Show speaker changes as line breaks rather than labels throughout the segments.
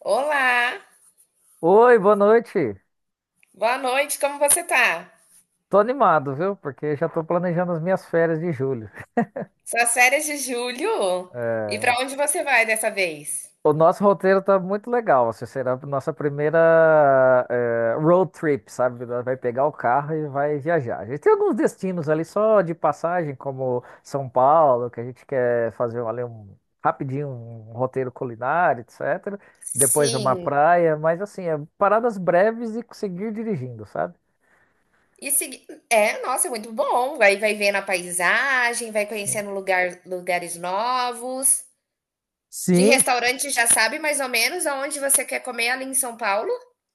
Olá,
Oi, boa noite.
boa noite, como você tá?
Tô animado, viu? Porque já tô planejando as minhas férias de julho.
Suas férias de julho? E pra
É.
onde você vai dessa vez?
O nosso roteiro tá muito legal. Assim, será a nossa primeira road trip, sabe? Nós vai pegar o carro e vai viajar. A gente tem alguns destinos ali só de passagem, como São Paulo, que a gente quer fazer ali um rapidinho um roteiro culinário, etc. Depois uma
Sim.
praia, mas assim, é paradas breves e seguir dirigindo, sabe?
É, nossa, é muito bom. Vai vendo a paisagem, vai
Sim.
conhecendo lugares novos. De
Sim.
restaurante já sabe mais ou menos aonde você quer comer ali em São Paulo?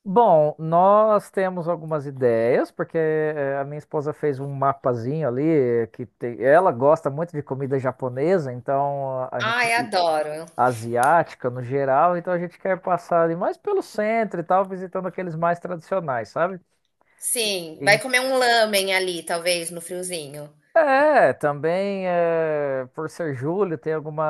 Bom, nós temos algumas ideias, porque a minha esposa fez um mapazinho ali, ela gosta muito de comida japonesa, então a gente,
Ai, adoro.
asiática no geral, então a gente quer passar ali mais pelo centro e tal, visitando aqueles mais tradicionais, sabe?
Sim, vai comer um lamen ali, talvez, no friozinho.
É, também é, por ser julho, tem alguma,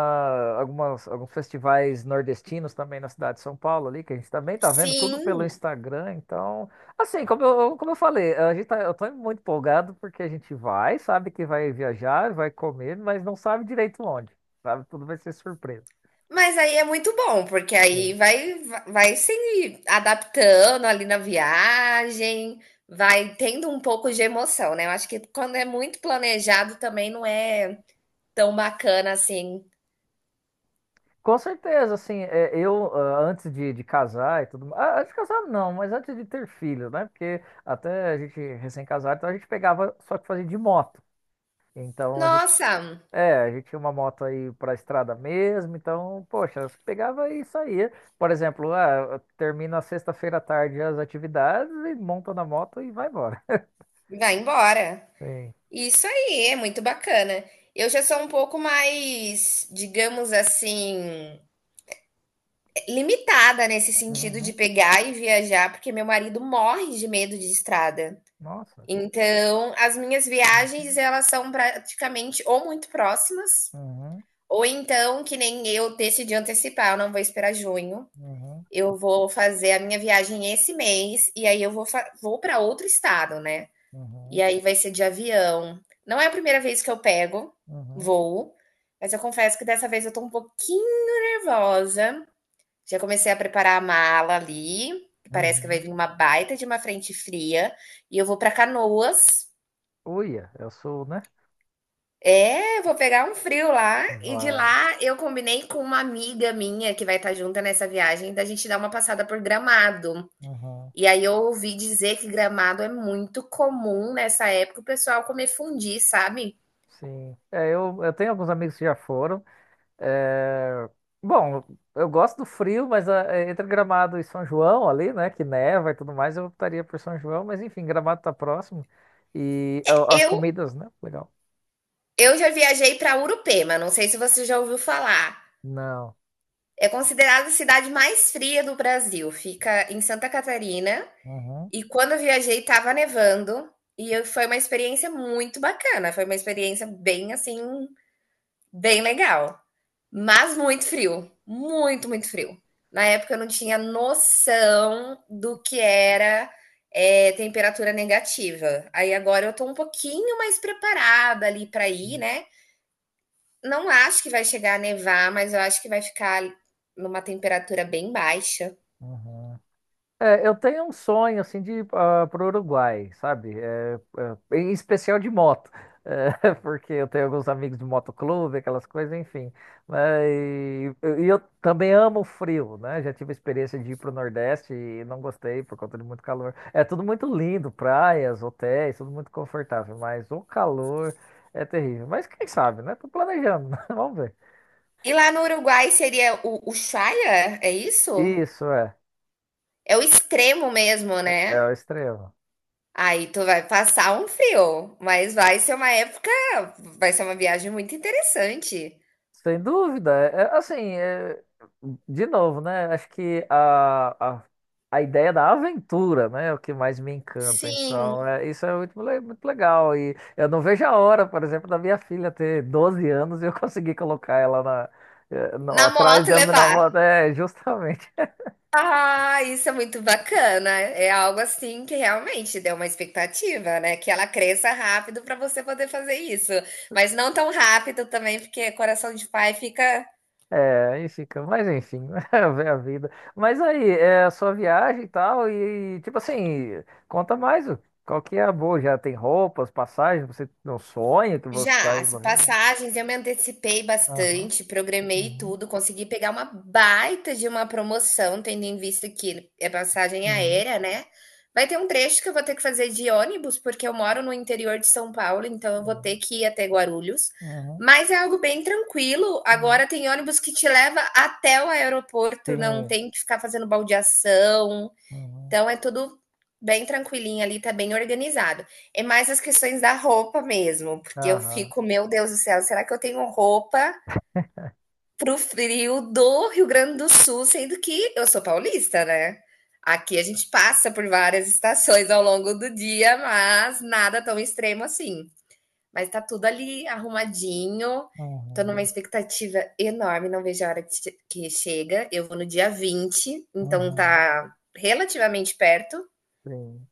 algumas, alguns festivais nordestinos também na cidade de São Paulo ali, que a gente também tá vendo tudo pelo
Sim.
Instagram, então, assim, como eu falei, eu tô muito empolgado porque a gente vai, sabe que vai viajar, vai comer, mas não sabe direito onde, sabe? Tudo vai ser surpresa.
Mas aí é muito bom, porque aí vai se adaptando ali na viagem, vai tendo um pouco de emoção, né. Eu acho que quando é muito planejado também não é tão bacana assim.
Com certeza. Assim, é, eu antes de casar e tudo mais, antes de casar não, mas antes de ter filho, né? Porque até a gente recém-casado, então a gente pegava, só que fazia de moto. Então a gente,
Nossa,
é, a gente tinha uma moto aí pra estrada mesmo, então, poxa, você pegava e saía. Por exemplo, termina sexta-feira à tarde as atividades e monta na moto e vai embora.
vai embora.
Sim.
Isso aí, é muito bacana. Eu já sou um pouco mais, digamos assim, limitada nesse sentido de
Uhum.
pegar e viajar, porque meu marido morre de medo de estrada.
Nossa.
Então, as minhas viagens,
Uhum.
elas são praticamente ou muito próximas,
Uhum.
ou então, que nem eu decidi antecipar, eu não vou esperar junho.
Uhum.
Eu vou fazer a minha viagem esse mês, e aí eu vou para outro estado, né? E
Uhum.
aí vai ser de avião. Não é a primeira vez que eu pego
Uhum.
voo, mas eu confesso que dessa vez eu tô um pouquinho nervosa. Já comecei a preparar a mala ali, que parece que vai
Uhum.
vir uma baita de uma frente fria, e eu vou para Canoas.
Uia, eu sou, né?
É, vou pegar um frio lá e de
Vai.
lá eu combinei com uma amiga minha que vai estar junta nessa viagem da gente dar uma passada por Gramado.
Uhum.
E aí eu ouvi dizer que Gramado é muito comum nessa época o pessoal comer fundi, sabe?
Sim. É, eu tenho alguns amigos que já foram. É. Bom, eu gosto do frio, mas é, entre Gramado e São João ali, né? Que neva e tudo mais, eu optaria por São João, mas enfim, Gramado tá próximo. E as
Eu
comidas, né? Legal.
eu já viajei para Urupema, não sei se você já ouviu falar.
Não.
É considerada a cidade mais fria do Brasil, fica em Santa Catarina.
Uhum.
E quando eu viajei estava nevando. Foi uma experiência muito bacana, foi uma experiência bem assim, bem legal, mas muito frio, muito, muito frio. Na época eu não tinha noção do que era temperatura negativa. Aí agora eu tô um pouquinho mais preparada ali para ir, né? Não acho que vai chegar a nevar, mas eu acho que vai ficar numa temperatura bem baixa.
Uhum. É, eu tenho um sonho assim de ir para o Uruguai, sabe? Em especial de moto. É, porque eu tenho alguns amigos de motoclube, aquelas coisas, enfim. Mas, e eu também amo o frio, né? Já tive a experiência de ir para o Nordeste e não gostei por conta de muito calor. É tudo muito lindo, praias, hotéis, tudo muito confortável, mas o calor é terrível. Mas quem sabe, né? Tô planejando, vamos ver.
E lá no Uruguai seria o Ushuaia, é isso?
Isso é,
É o extremo mesmo,
é
né?
o extremo.
Aí tu vai passar um frio, mas vai ser uma época, vai ser uma viagem muito interessante.
Sem dúvida. É, é, assim, é, de novo, né? Acho que a ideia da aventura, né, é o que mais me encanta.
Sim,
Então, isso é muito, muito legal. E eu não vejo a hora, por exemplo, da minha filha ter 12 anos e eu conseguir colocar ela na, eh, no-
na
atrás
moto
da minha
levar.
moto. É, justamente.
Ah, isso é muito bacana. É algo assim que realmente deu uma expectativa, né? Que ela cresça rápido para você poder fazer isso, mas não tão rápido também, porque coração de pai fica.
É, aí fica, mas enfim, é a vida. Mas aí, é a sua viagem e tal, e tipo assim, conta mais qual que é a boa, já tem roupas, passagens, você tem um sonho que você tá
Já, as
indo.
passagens eu me antecipei
Aham,
bastante, programei
uhum,
tudo, consegui pegar uma baita de uma promoção, tendo em vista que é passagem
uhum,
aérea, né. Vai ter um trecho que eu vou ter que fazer de ônibus, porque eu moro no interior de São Paulo, então eu vou
sim,
ter que ir até Guarulhos,
uhum,
mas é algo bem tranquilo.
uhum,
Agora tem ônibus que te leva até o aeroporto, não
sim,
tem que ficar fazendo baldeação,
uhum,
então é tudo bem tranquilinho ali, tá bem organizado. É mais as questões da roupa mesmo, porque eu
aham,
fico, meu Deus do céu, será que eu tenho roupa pro frio do Rio Grande do Sul, sendo que eu sou paulista, né? Aqui a gente passa por várias estações ao longo do dia, mas nada tão extremo assim. Mas tá tudo ali arrumadinho. Tô numa
uhum,
expectativa enorme, não vejo a hora que que chega. Eu vou no dia 20, então
uhum,
tá relativamente perto.
sim.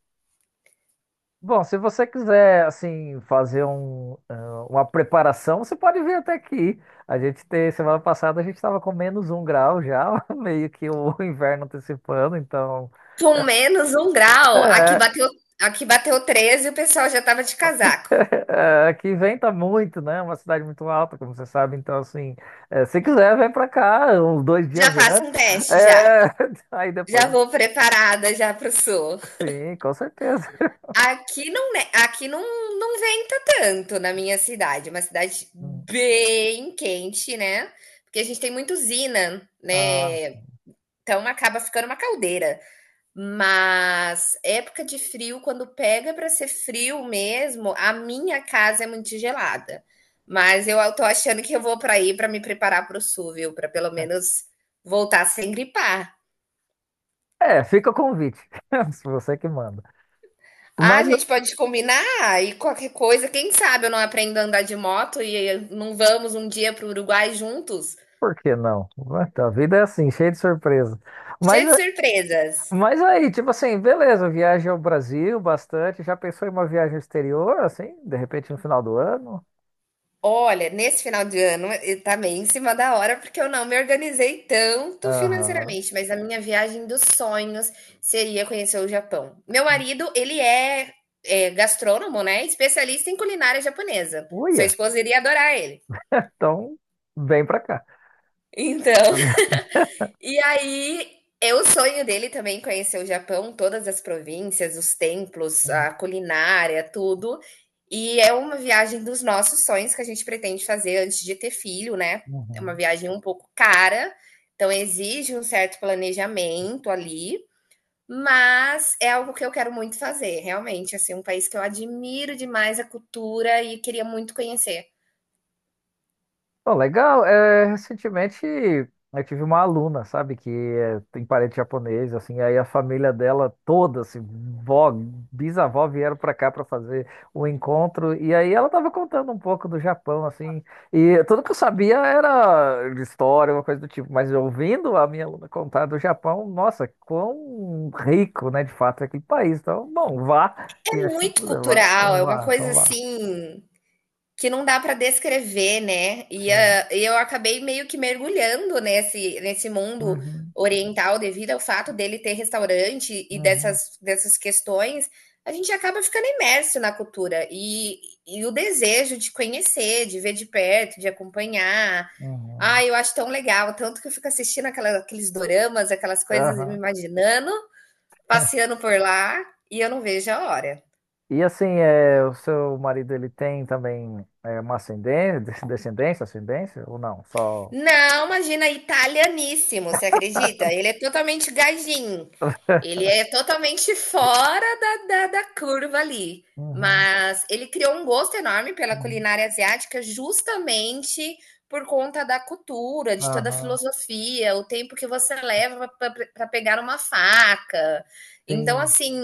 Bom, se você quiser, assim, fazer um, uma preparação, você pode vir até aqui. A gente tem, semana passada a gente estava com -1 grau já, meio que o inverno antecipando, então.
Com -1 grau, aqui
É,
bateu, aqui bateu 13 e o pessoal já estava de casaco.
aqui venta muito, né? É uma cidade muito alta, como você sabe. Então, assim, se quiser, vem pra cá uns 2 dias
Já faço um
antes.
teste, já.
É, aí depois,
Já vou preparada já pro sul.
sim, com certeza.
Aqui não venta tanto na minha cidade. É uma cidade
Hum,
bem quente, né? Porque a gente tem muita usina,
ah,
né? Então acaba ficando uma caldeira. Mas época de frio, quando pega para ser frio mesmo, a minha casa é muito gelada. Mas eu tô achando que eu vou para aí para me preparar para o sul, viu? Para pelo menos voltar sem gripar.
fica o convite, se você que manda.
Ah, a
Mas
gente pode combinar e qualquer coisa, quem sabe eu não aprendo a andar de moto e não vamos um dia para o Uruguai juntos?
Por que não? Então, a vida é assim, cheia de surpresa. Mas,
Cheio de surpresas.
aí, tipo assim, beleza, viagem ao Brasil bastante. Já pensou em uma viagem ao exterior, assim, de repente no final do ano?
Olha, nesse final de ano está tá meio em cima da hora, porque eu não me organizei tanto
Aham.
financeiramente, mas a minha viagem dos sonhos seria conhecer o Japão. Meu marido, ele é gastrônomo, né? Especialista em culinária japonesa. Sua
Uia,
esposa iria adorar ele.
então vem pra cá.
Então, e aí, é o sonho dele também conhecer o Japão, todas as províncias, os templos, a culinária, tudo. E é uma viagem dos nossos sonhos que a gente pretende fazer antes de ter filho, né? É uma
Uhum.
viagem um pouco cara, então exige um certo planejamento ali, mas é algo que eu quero muito fazer, realmente, assim, um país que eu admiro demais a cultura e queria muito conhecer.
Oh, legal. É, recentemente eu tive uma aluna, sabe, que é, tem parente japonês, assim, aí a família dela toda, assim, vó, bisavó vieram pra cá pra fazer o encontro, e aí ela tava contando um pouco do Japão, assim, e tudo que eu sabia era história, uma coisa do tipo, mas ouvindo a minha aluna contar do Japão, nossa, quão rico, né, de fato, é aquele país. Então, bom, vá, que
É
acho que eu
muito
vou levar.
cultural,
Então
é uma
vá,
coisa
então vá.
assim que não dá para descrever, né? E,
Sim.
ah, eu acabei meio que mergulhando nesse mundo
Uhum,
oriental devido ao fato dele ter restaurante e
uhum,
dessas questões. A gente acaba ficando imerso na cultura e o desejo de conhecer, de ver de perto, de acompanhar.
uhum.
Ah, eu acho tão legal, tanto que eu fico assistindo aqueles doramas, aquelas coisas e me
Aham.
imaginando, passeando por lá, e eu não vejo a hora.
E assim, é, o seu marido ele tem também é, uma ascendência, descendência, ascendência ou não? Só.
Não, imagina, italianíssimo, você acredita? Ele é totalmente gajinho. Ele é totalmente fora da curva ali.
Uhum,
Mas ele criou um gosto enorme pela
uhum.
culinária asiática justamente por conta da cultura, de toda a
Aham,
filosofia, o tempo que você leva para pegar uma faca. Então,
sim,
assim,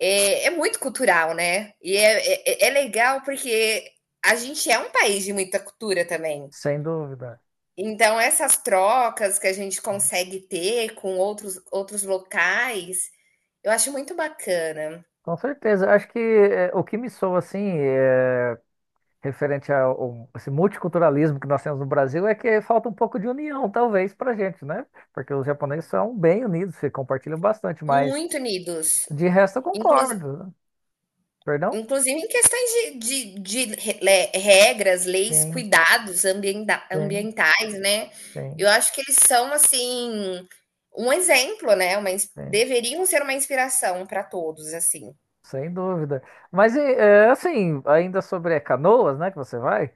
é muito cultural, né? E é legal porque a gente é um país de muita cultura também.
sem dúvida.
Então essas trocas que a gente consegue ter com outros locais, eu acho muito bacana,
Com certeza. Acho que é, o que me soa assim, é, referente a esse multiculturalismo que nós temos no Brasil, é que falta um pouco de união, talvez, pra gente, né? Porque os japoneses são bem unidos, se compartilham bastante, mas
muito unidos.
de resto eu
Inclusi
concordo. Perdão?
inclusive em questões de re le regras, leis,
Sim,
cuidados ambienda
sim,
ambientais, né.
sim,
Eu acho que eles são, assim, um exemplo, né, uma ins
sim.
deveriam ser uma inspiração para todos, assim.
Sem dúvida. Mas e, é, assim, ainda sobre Canoas, né, que você vai,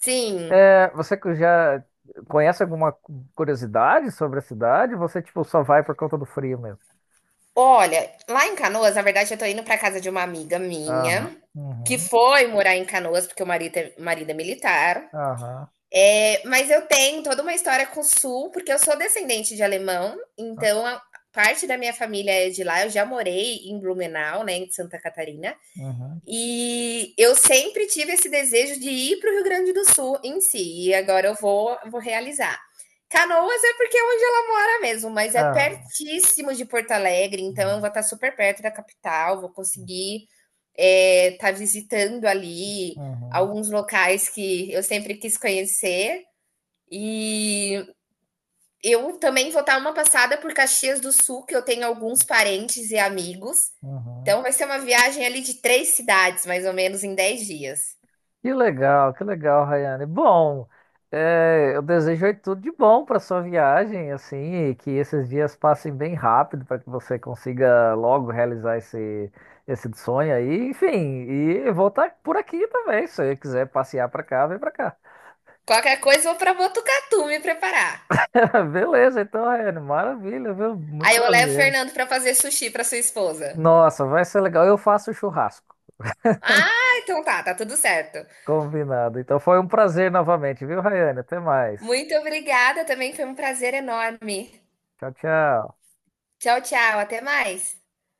Sim.
é, você que já conhece alguma curiosidade sobre a cidade? Você, tipo, só vai por conta do frio mesmo?
Olha, lá em Canoas, na verdade, eu tô indo pra casa de uma amiga minha,
Aham,
que
uhum,
foi morar em Canoas, porque o marido é militar.
aham,
Mas eu tenho toda uma história com o Sul, porque eu sou descendente de alemão,
ah,
então a parte da minha família é de lá. Eu já morei em Blumenau, né, em Santa Catarina,
uhum,
e eu sempre tive esse desejo de ir para o Rio Grande do Sul em si, e agora eu vou realizar. Canoas é porque é onde ela mora mesmo, mas é
aham,
pertíssimo de Porto Alegre, então eu
uhum,
vou estar super perto da capital, vou conseguir estar visitando ali
uhum,
alguns locais que eu sempre quis conhecer. E eu também vou dar uma passada por Caxias do Sul, que eu tenho alguns parentes e amigos.
uhum.
Então vai ser uma viagem ali de três cidades, mais ou menos, em 10 dias.
Que legal, Rayane. Bom, é, eu desejo aí tudo de bom para sua viagem, assim, e que esses dias passem bem rápido para que você consiga logo realizar esse, esse sonho aí. Enfim, e vou estar por aqui também. Se você quiser passear para cá, vem para cá.
Qualquer coisa, eu vou para Botucatu me preparar.
Beleza, então, Rayane, maravilha, viu? Muito
Aí eu levo o
prazer.
Fernando para fazer sushi para sua esposa.
Nossa, vai ser legal. Eu faço churrasco.
Ah, então tá, tá tudo certo.
Combinado. Então foi um prazer novamente, viu, Rayane? Até mais.
Muito obrigada também, foi um prazer enorme.
Tchau, tchau.
Tchau, tchau, até mais.